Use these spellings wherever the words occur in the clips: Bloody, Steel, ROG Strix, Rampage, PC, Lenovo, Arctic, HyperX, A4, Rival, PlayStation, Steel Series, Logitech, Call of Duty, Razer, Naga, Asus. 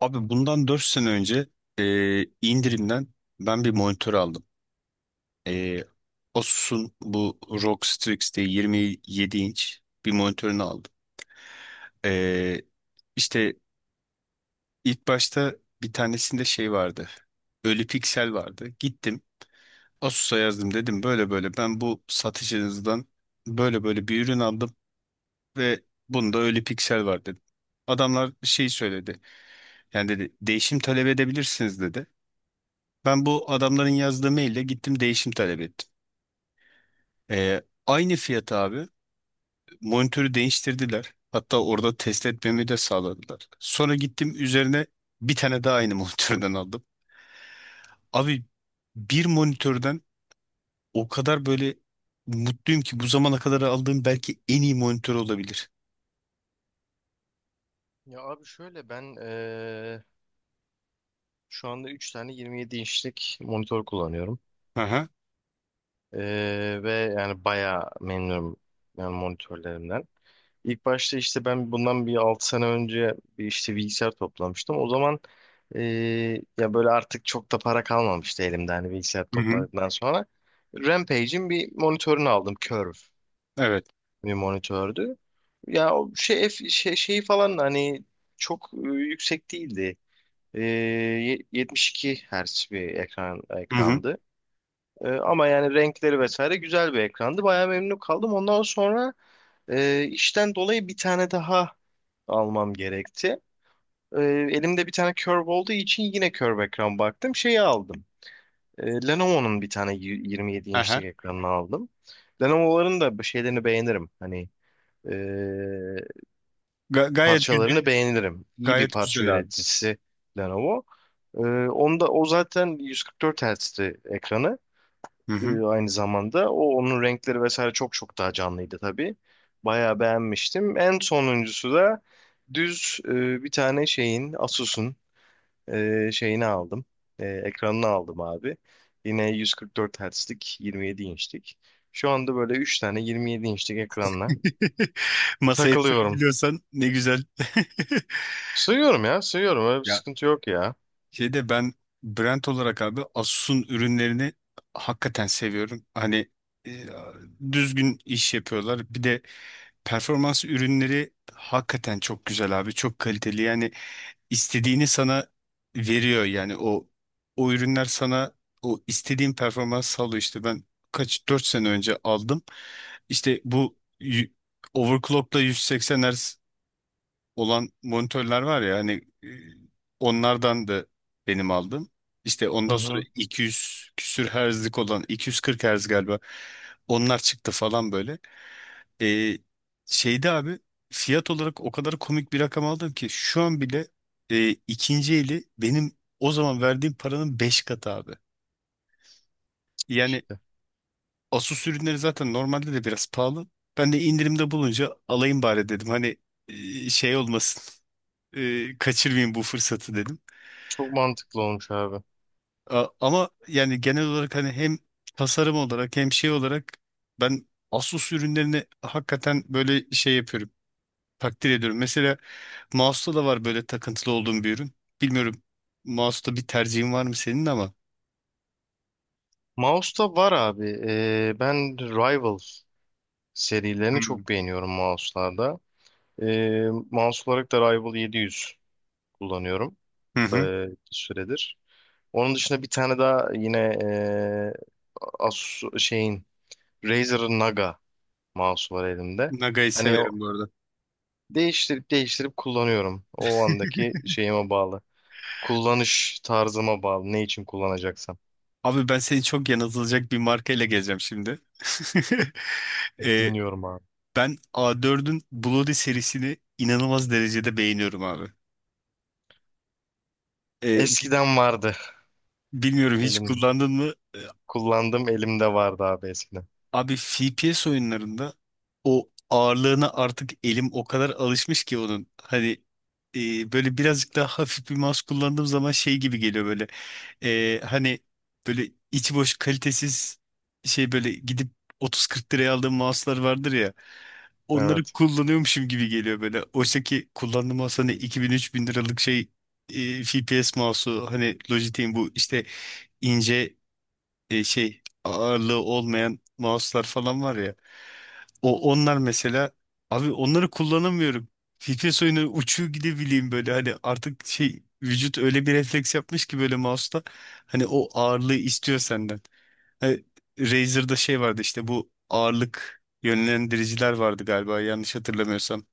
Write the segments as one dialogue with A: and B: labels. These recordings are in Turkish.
A: Abi bundan 4 sene önce e, indirimden ben bir monitör aldım. E, Asus'un bu ROG Strix diye 27 inç bir monitörünü aldım. E, işte ilk başta bir tanesinde şey vardı. Ölü piksel vardı. Gittim Asus'a yazdım, dedim böyle böyle ben bu satıcınızdan böyle böyle bir ürün aldım ve bunda ölü piksel var dedim. Adamlar şey söyledi. Yani dedi değişim talep edebilirsiniz dedi. Ben bu adamların yazdığı maille gittim değişim talep ettim. Ee, aynı fiyat abi. Monitörü değiştirdiler. Hatta orada test etmemi de sağladılar. Sonra gittim üzerine bir tane daha aynı monitörden aldım. Abi bir monitörden o kadar böyle mutluyum ki bu zamana kadar aldığım belki en iyi monitör olabilir.
B: Ya abi şöyle ben şu anda 3 tane 27 inçlik monitör kullanıyorum.
A: Aha.
B: Ve yani bayağı memnunum yani monitörlerimden. İlk başta işte ben bundan bir 6 sene önce bir işte bilgisayar toplamıştım. O zaman ya böyle artık çok da para kalmamıştı elimde hani bilgisayar
A: Hı hı.
B: topladıktan sonra. Rampage'in bir monitörünü aldım. Curve
A: Evet.
B: bir monitördü. Ya o şeyi falan hani çok yüksek değildi. 72 Hz bir ekran
A: Hı hı.
B: ekrandı. Ama yani renkleri vesaire güzel bir ekrandı. Bayağı memnun kaldım. Ondan sonra işten dolayı bir tane daha almam gerekti. Ee, elimde bir tane curve olduğu için yine curve ekran baktım. Şeyi aldım. Lenovo'nun bir tane 27
A: Aha.
B: inçlik ekranını aldım. Lenovo'ların da bu şeylerini beğenirim. Hani ee,
A: Gayet güzel.
B: parçalarını beğenirim. İyi bir
A: Gayet
B: parça
A: güzel abi.
B: üreticisi Lenovo. Ee, onda o zaten 144 Hz'ti ekranı
A: Hı hı.
B: aynı zamanda. O onun renkleri vesaire çok daha canlıydı tabii. Bayağı beğenmiştim. En sonuncusu da düz bir tane Asus'un şeyini aldım. Ekranını aldım abi. Yine 144 Hz'lik 27 inçlik. Şu anda böyle 3 tane 27 inçlik ekranla
A: Masaya
B: takılıyorum.
A: yatırabiliyorsan ne güzel.
B: Sığıyorum ya, sığıyorum. Öyle bir
A: Ya,
B: sıkıntı yok ya.
A: şeyde ben brand olarak abi Asus'un ürünlerini hakikaten seviyorum. Hani e, düzgün iş yapıyorlar. Bir de performans ürünleri hakikaten çok güzel abi. Çok kaliteli. Yani istediğini sana veriyor, yani o ürünler sana o istediğin performans sağlıyor. İşte ben kaç 4 sene önce aldım. İşte bu overclock'la 180 Hz olan monitörler var ya. Hani e, onlardan da benim aldım. İşte
B: Hı
A: ondan sonra
B: hı.
A: 200 küsür herzlik olan 240 herz galiba onlar çıktı falan böyle. E, şeyde abi fiyat olarak o kadar komik bir rakam aldım ki şu an bile ikinci eli benim o zaman verdiğim paranın 5 katı abi. Yani Asus ürünleri zaten normalde de biraz pahalı. Ben de indirimde bulunca alayım bari dedim. Hani şey olmasın. Kaçırmayayım bu fırsatı dedim.
B: Çok mantıklı olmuş abi.
A: Ama yani genel olarak hani hem tasarım olarak hem şey olarak ben Asus ürünlerini hakikaten böyle şey yapıyorum. Takdir ediyorum. Mesela mouse'da da var böyle takıntılı olduğum bir ürün. Bilmiyorum, mouse'da bir tercihin var mı senin ama?
B: Mouse'da var abi. Ben Rival serilerini
A: Hmm.
B: çok beğeniyorum mouse'larda. Ee, mouse olarak da Rival 700 kullanıyorum
A: Hı
B: ee,
A: hı.
B: bir süredir. Onun dışında bir tane daha yine ee, Asus şeyin Razer'ın Naga mouse'u var elimde.
A: Naga'yı
B: Hani o
A: severim bu arada.
B: değiştirip değiştirip kullanıyorum. O andaki şeyime bağlı. Kullanış tarzıma bağlı. Ne için kullanacaksam.
A: Abi ben seni çok yanıltılacak bir markayla geleceğim şimdi. Ee,
B: Dinliyorum abi.
A: ben A4'ün Bloody serisini inanılmaz derecede beğeniyorum abi. Ee, bi-
B: Eskiden vardı.
A: bilmiyorum hiç
B: Elim
A: kullandın mı? Ee,
B: kullandığım elimde vardı abi eskiden.
A: abi FPS oyunlarında o ağırlığına artık elim o kadar alışmış ki onun. Hani böyle birazcık daha hafif bir mouse kullandığım zaman şey gibi geliyor böyle. Hani böyle içi boş kalitesiz şey böyle gidip 30-40 liraya aldığım mouse'lar vardır ya. Onları
B: Evet.
A: kullanıyormuşum gibi geliyor böyle. Oysa ki kullandığım mouse hani 2000 bin üç bin liralık şey, FPS mouse'u, hani Logitech'in bu işte ince şey ağırlığı olmayan mouse'lar falan var ya. Onlar mesela, abi onları kullanamıyorum. FPS oyunu uçuyor gidebileyim böyle hani, artık şey vücut öyle bir refleks yapmış ki böyle mouse'ta hani o ağırlığı istiyor senden. E, Razer'da şey vardı, işte bu ağırlık yönlendiriciler vardı galiba, yanlış hatırlamıyorsam.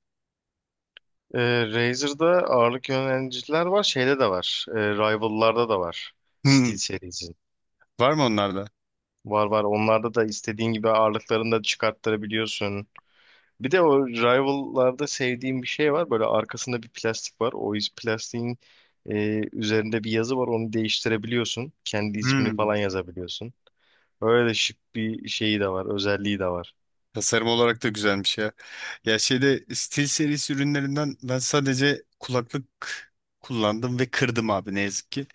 B: Razer'da ağırlık yöneliciler var. Şeyde de var. Rival'larda da var. Steel
A: Hmm,
B: Series'in.
A: var mı onlarda?
B: Var, var. Onlarda da istediğin gibi ağırlıklarını da çıkarttırabiliyorsun. Bir de o Rival'larda sevdiğim bir şey var. Böyle arkasında bir plastik var. Plastiğin üzerinde bir yazı var. Onu değiştirebiliyorsun. Kendi ismini
A: Hmm.
B: falan yazabiliyorsun. Öyle şık bir şeyi de var. Özelliği de var.
A: Tasarım olarak da güzelmiş ya. Ya, şeyde Steel serisi ürünlerinden ben sadece kulaklık kullandım ve kırdım abi, ne yazık ki.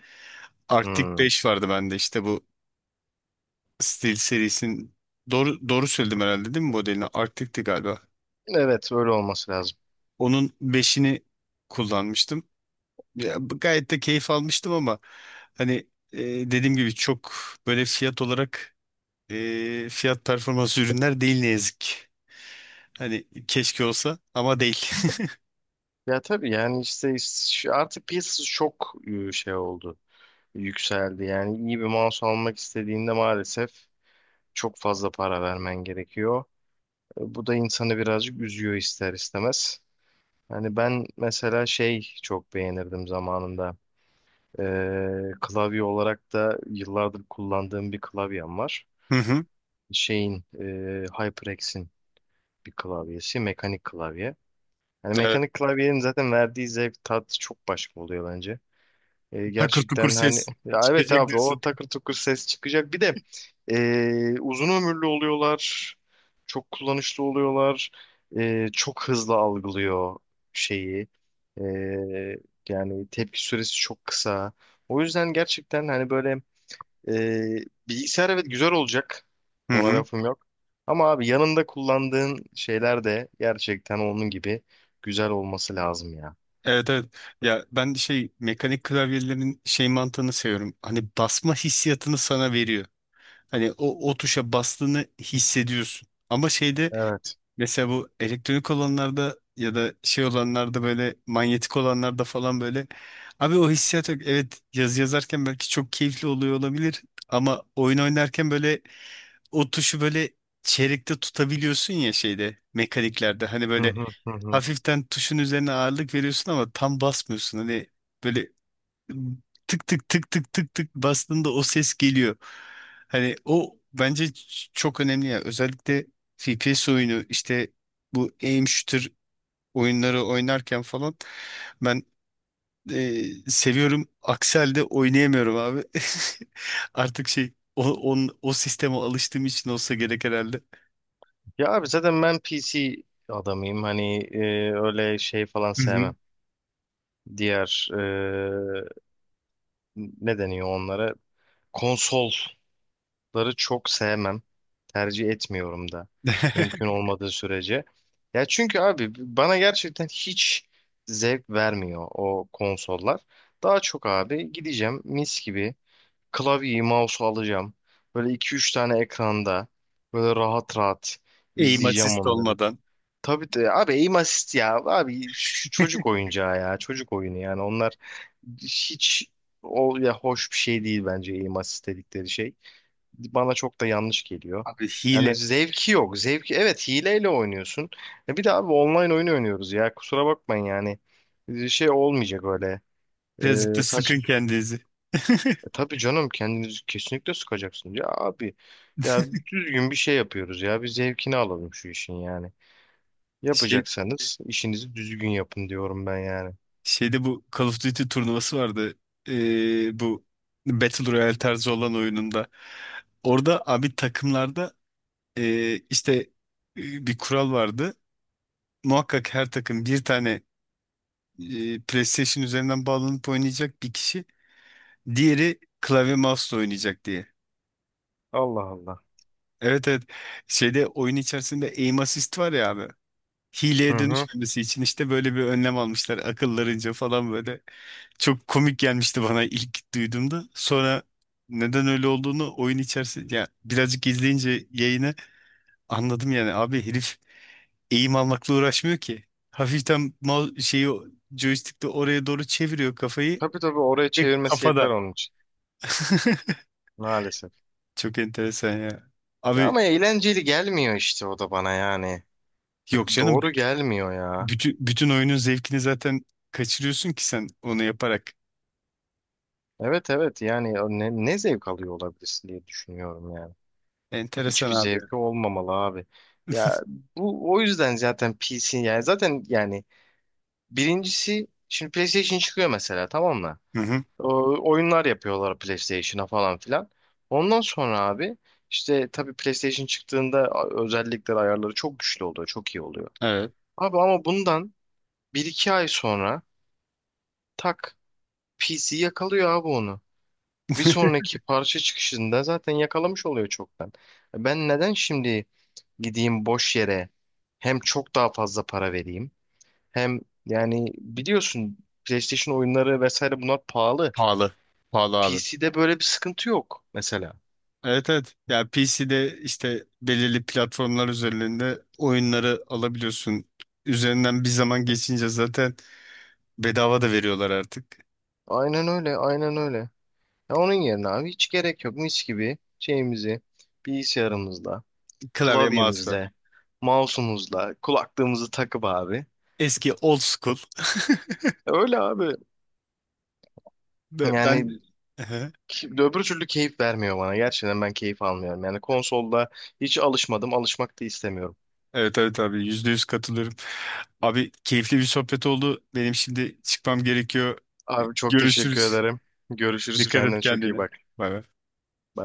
A: Arctic
B: Hmm.
A: 5 vardı bende, işte bu Steel serisinin, doğru doğru söyledim herhalde değil mi modelini? Arctic'ti galiba.
B: Evet, öyle olması lazım.
A: Onun beşini kullanmıştım. Ya, gayet de keyif almıştım ama hani e, dediğim gibi çok böyle fiyat olarak fiyat performans ürünler değil ne yazık ki. Hani keşke olsa ama değil.
B: Ya tabii yani işte artık piyasası çok şey oldu. Yükseldi. Yani iyi bir mouse almak istediğinde maalesef çok fazla para vermen gerekiyor. Bu da insanı birazcık üzüyor ister istemez. Hani ben mesela şey çok beğenirdim zamanında. Klavye olarak da yıllardır kullandığım bir klavyem var.
A: Hı hı.
B: Şeyin e, HyperX'in bir klavyesi, mekanik klavye. Yani
A: Evet.
B: mekanik klavyenin zaten verdiği zevk tat çok başka oluyor bence.
A: Takır tukur
B: Gerçekten hani
A: ses
B: ya evet
A: çıkacak
B: abi o
A: diyorsun.
B: takır tukur ses çıkacak. Bir de uzun ömürlü oluyorlar. Çok kullanışlı oluyorlar. Çok hızlı algılıyor şeyi. E, yani tepki süresi çok kısa. O yüzden gerçekten hani böyle e, bilgisayar evet güzel olacak.
A: Hı
B: Ona
A: hı.
B: lafım yok. Ama abi yanında kullandığın şeyler de gerçekten onun gibi güzel olması lazım ya.
A: Evet evet. Ya ben de şey mekanik klavyelerin şey mantığını seviyorum. Hani basma hissiyatını sana veriyor. Hani o tuşa bastığını hissediyorsun. Ama şeyde
B: Evet.
A: mesela bu elektronik olanlarda ya da şey olanlarda, böyle manyetik olanlarda falan, böyle abi o hissiyat yok. Evet, yazı yazarken belki çok keyifli oluyor olabilir ama oyun oynarken böyle o tuşu böyle çeyrekte tutabiliyorsun ya şeyde mekaniklerde, hani
B: Hı
A: böyle
B: hı, hı hı.
A: hafiften tuşun üzerine ağırlık veriyorsun ama tam basmıyorsun, hani böyle tık tık tık tık tık tık bastığında o ses geliyor. Hani o bence çok önemli ya. Özellikle FPS oyunu işte bu aim shooter oyunları oynarken falan ben e, seviyorum. Aksi halde oynayamıyorum abi. Artık şey o sisteme alıştığım için olsa gerek herhalde.
B: Ya abi zaten ben PC adamıyım. Hani öyle şey falan
A: Hı hı.
B: sevmem. Diğer ne deniyor onlara? Konsolları çok sevmem. Tercih etmiyorum da. Mümkün olmadığı sürece. Ya çünkü abi bana gerçekten hiç zevk vermiyor o konsollar. Daha çok abi gideceğim mis gibi klavyeyi, mouse'u alacağım. Böyle iki üç tane ekranda böyle rahat rahat
A: Aim
B: izleyeceğim
A: assist
B: onları.
A: olmadan.
B: Tabii de abi aim assist ya abi çocuk oyuncağı ya çocuk oyunu yani onlar hiç o ya hoş bir şey değil bence aim assist dedikleri şey. Bana çok da yanlış geliyor.
A: Abi
B: Yani
A: hile.
B: zevki yok. Zevki evet hileyle oynuyorsun. E bir de abi online oyun oynuyoruz ya kusura bakmayın yani. Şey olmayacak öyle.
A: Birazcık da sıkın
B: Saçma.
A: kendinizi.
B: Tabii canım kendinizi kesinlikle sıkacaksınız ya abi. Ya düzgün bir şey yapıyoruz ya bir zevkini alalım şu işin yani. Yapacaksanız işinizi düzgün yapın diyorum ben yani.
A: Şeyde bu Call of Duty turnuvası vardı. Bu Battle Royale tarzı olan oyununda. Orada abi takımlarda işte bir kural vardı. Muhakkak her takım bir tane PlayStation üzerinden bağlanıp oynayacak bir kişi, diğeri klavye mouse'la oynayacak diye.
B: Allah Allah.
A: Evet evet. Şeyde oyun içerisinde aim assist var ya abi.
B: Hı
A: Hileye
B: hı.
A: dönüşmemesi için işte böyle bir önlem almışlar akıllarınca falan böyle. Çok komik gelmişti bana ilk duyduğumda. Sonra neden öyle olduğunu oyun içerisinde ya birazcık izleyince yayını anladım yani. Abi herif eğim almakla uğraşmıyor ki. Hafiften mouse şeyi joystick'te oraya doğru çeviriyor kafayı.
B: Tabii tabii, oraya
A: Ve
B: çevirmesi yeter
A: kafada.
B: onun için. Maalesef.
A: Çok enteresan ya.
B: Ya
A: Abi
B: ama eğlenceli gelmiyor işte o da bana yani.
A: yok canım,
B: Doğru gelmiyor ya.
A: bütün, oyunun zevkini zaten kaçırıyorsun ki sen onu yaparak.
B: Evet, evet, yani ne zevk alıyor olabilirsin diye düşünüyorum yani.
A: Enteresan
B: Hiçbir
A: abi.
B: zevki olmamalı abi. Ya bu o yüzden zaten PC, yani zaten yani birincisi şimdi PlayStation çıkıyor mesela, tamam mı?
A: Hı hı.
B: Oyunlar yapıyorlar PlayStation'a falan filan. Ondan sonra abi işte tabii PlayStation çıktığında özellikleri, ayarları çok güçlü oluyor, çok iyi oluyor.
A: Evet.
B: Abi ama bundan 1 2 ay sonra tak, PC yakalıyor abi onu. Bir sonraki parça çıkışında zaten yakalamış oluyor çoktan. Ben neden şimdi gideyim boş yere, hem çok daha fazla para vereyim, hem yani biliyorsun PlayStation oyunları vesaire bunlar pahalı.
A: Pahalı. Pahalı abi.
B: PC'de böyle bir sıkıntı yok mesela.
A: Evet evet. Ya, PC'de işte belirli platformlar üzerinde oyunları alabiliyorsun. Üzerinden bir zaman geçince zaten bedava da veriyorlar artık.
B: Aynen öyle, aynen öyle. Ya onun yerine abi hiç gerek yok. Mis gibi şeyimizi, bilgisayarımızla,
A: Klavye mouse'la.
B: klavyemizle, mouse'umuzla, kulaklığımızı takıp abi.
A: Eski old school.
B: Öyle abi.
A: Ve
B: Yani
A: ben. Ehe.
B: öbür türlü keyif vermiyor bana. Gerçekten ben keyif almıyorum. Yani konsolda hiç alışmadım, alışmak da istemiyorum.
A: Evet evet abi %100 katılıyorum. Abi keyifli bir sohbet oldu. Benim şimdi çıkmam gerekiyor.
B: Abi çok teşekkür
A: Görüşürüz.
B: ederim. Görüşürüz.
A: Dikkat et
B: Kendine çok iyi
A: kendine.
B: bak.
A: Bay bay.
B: Bye.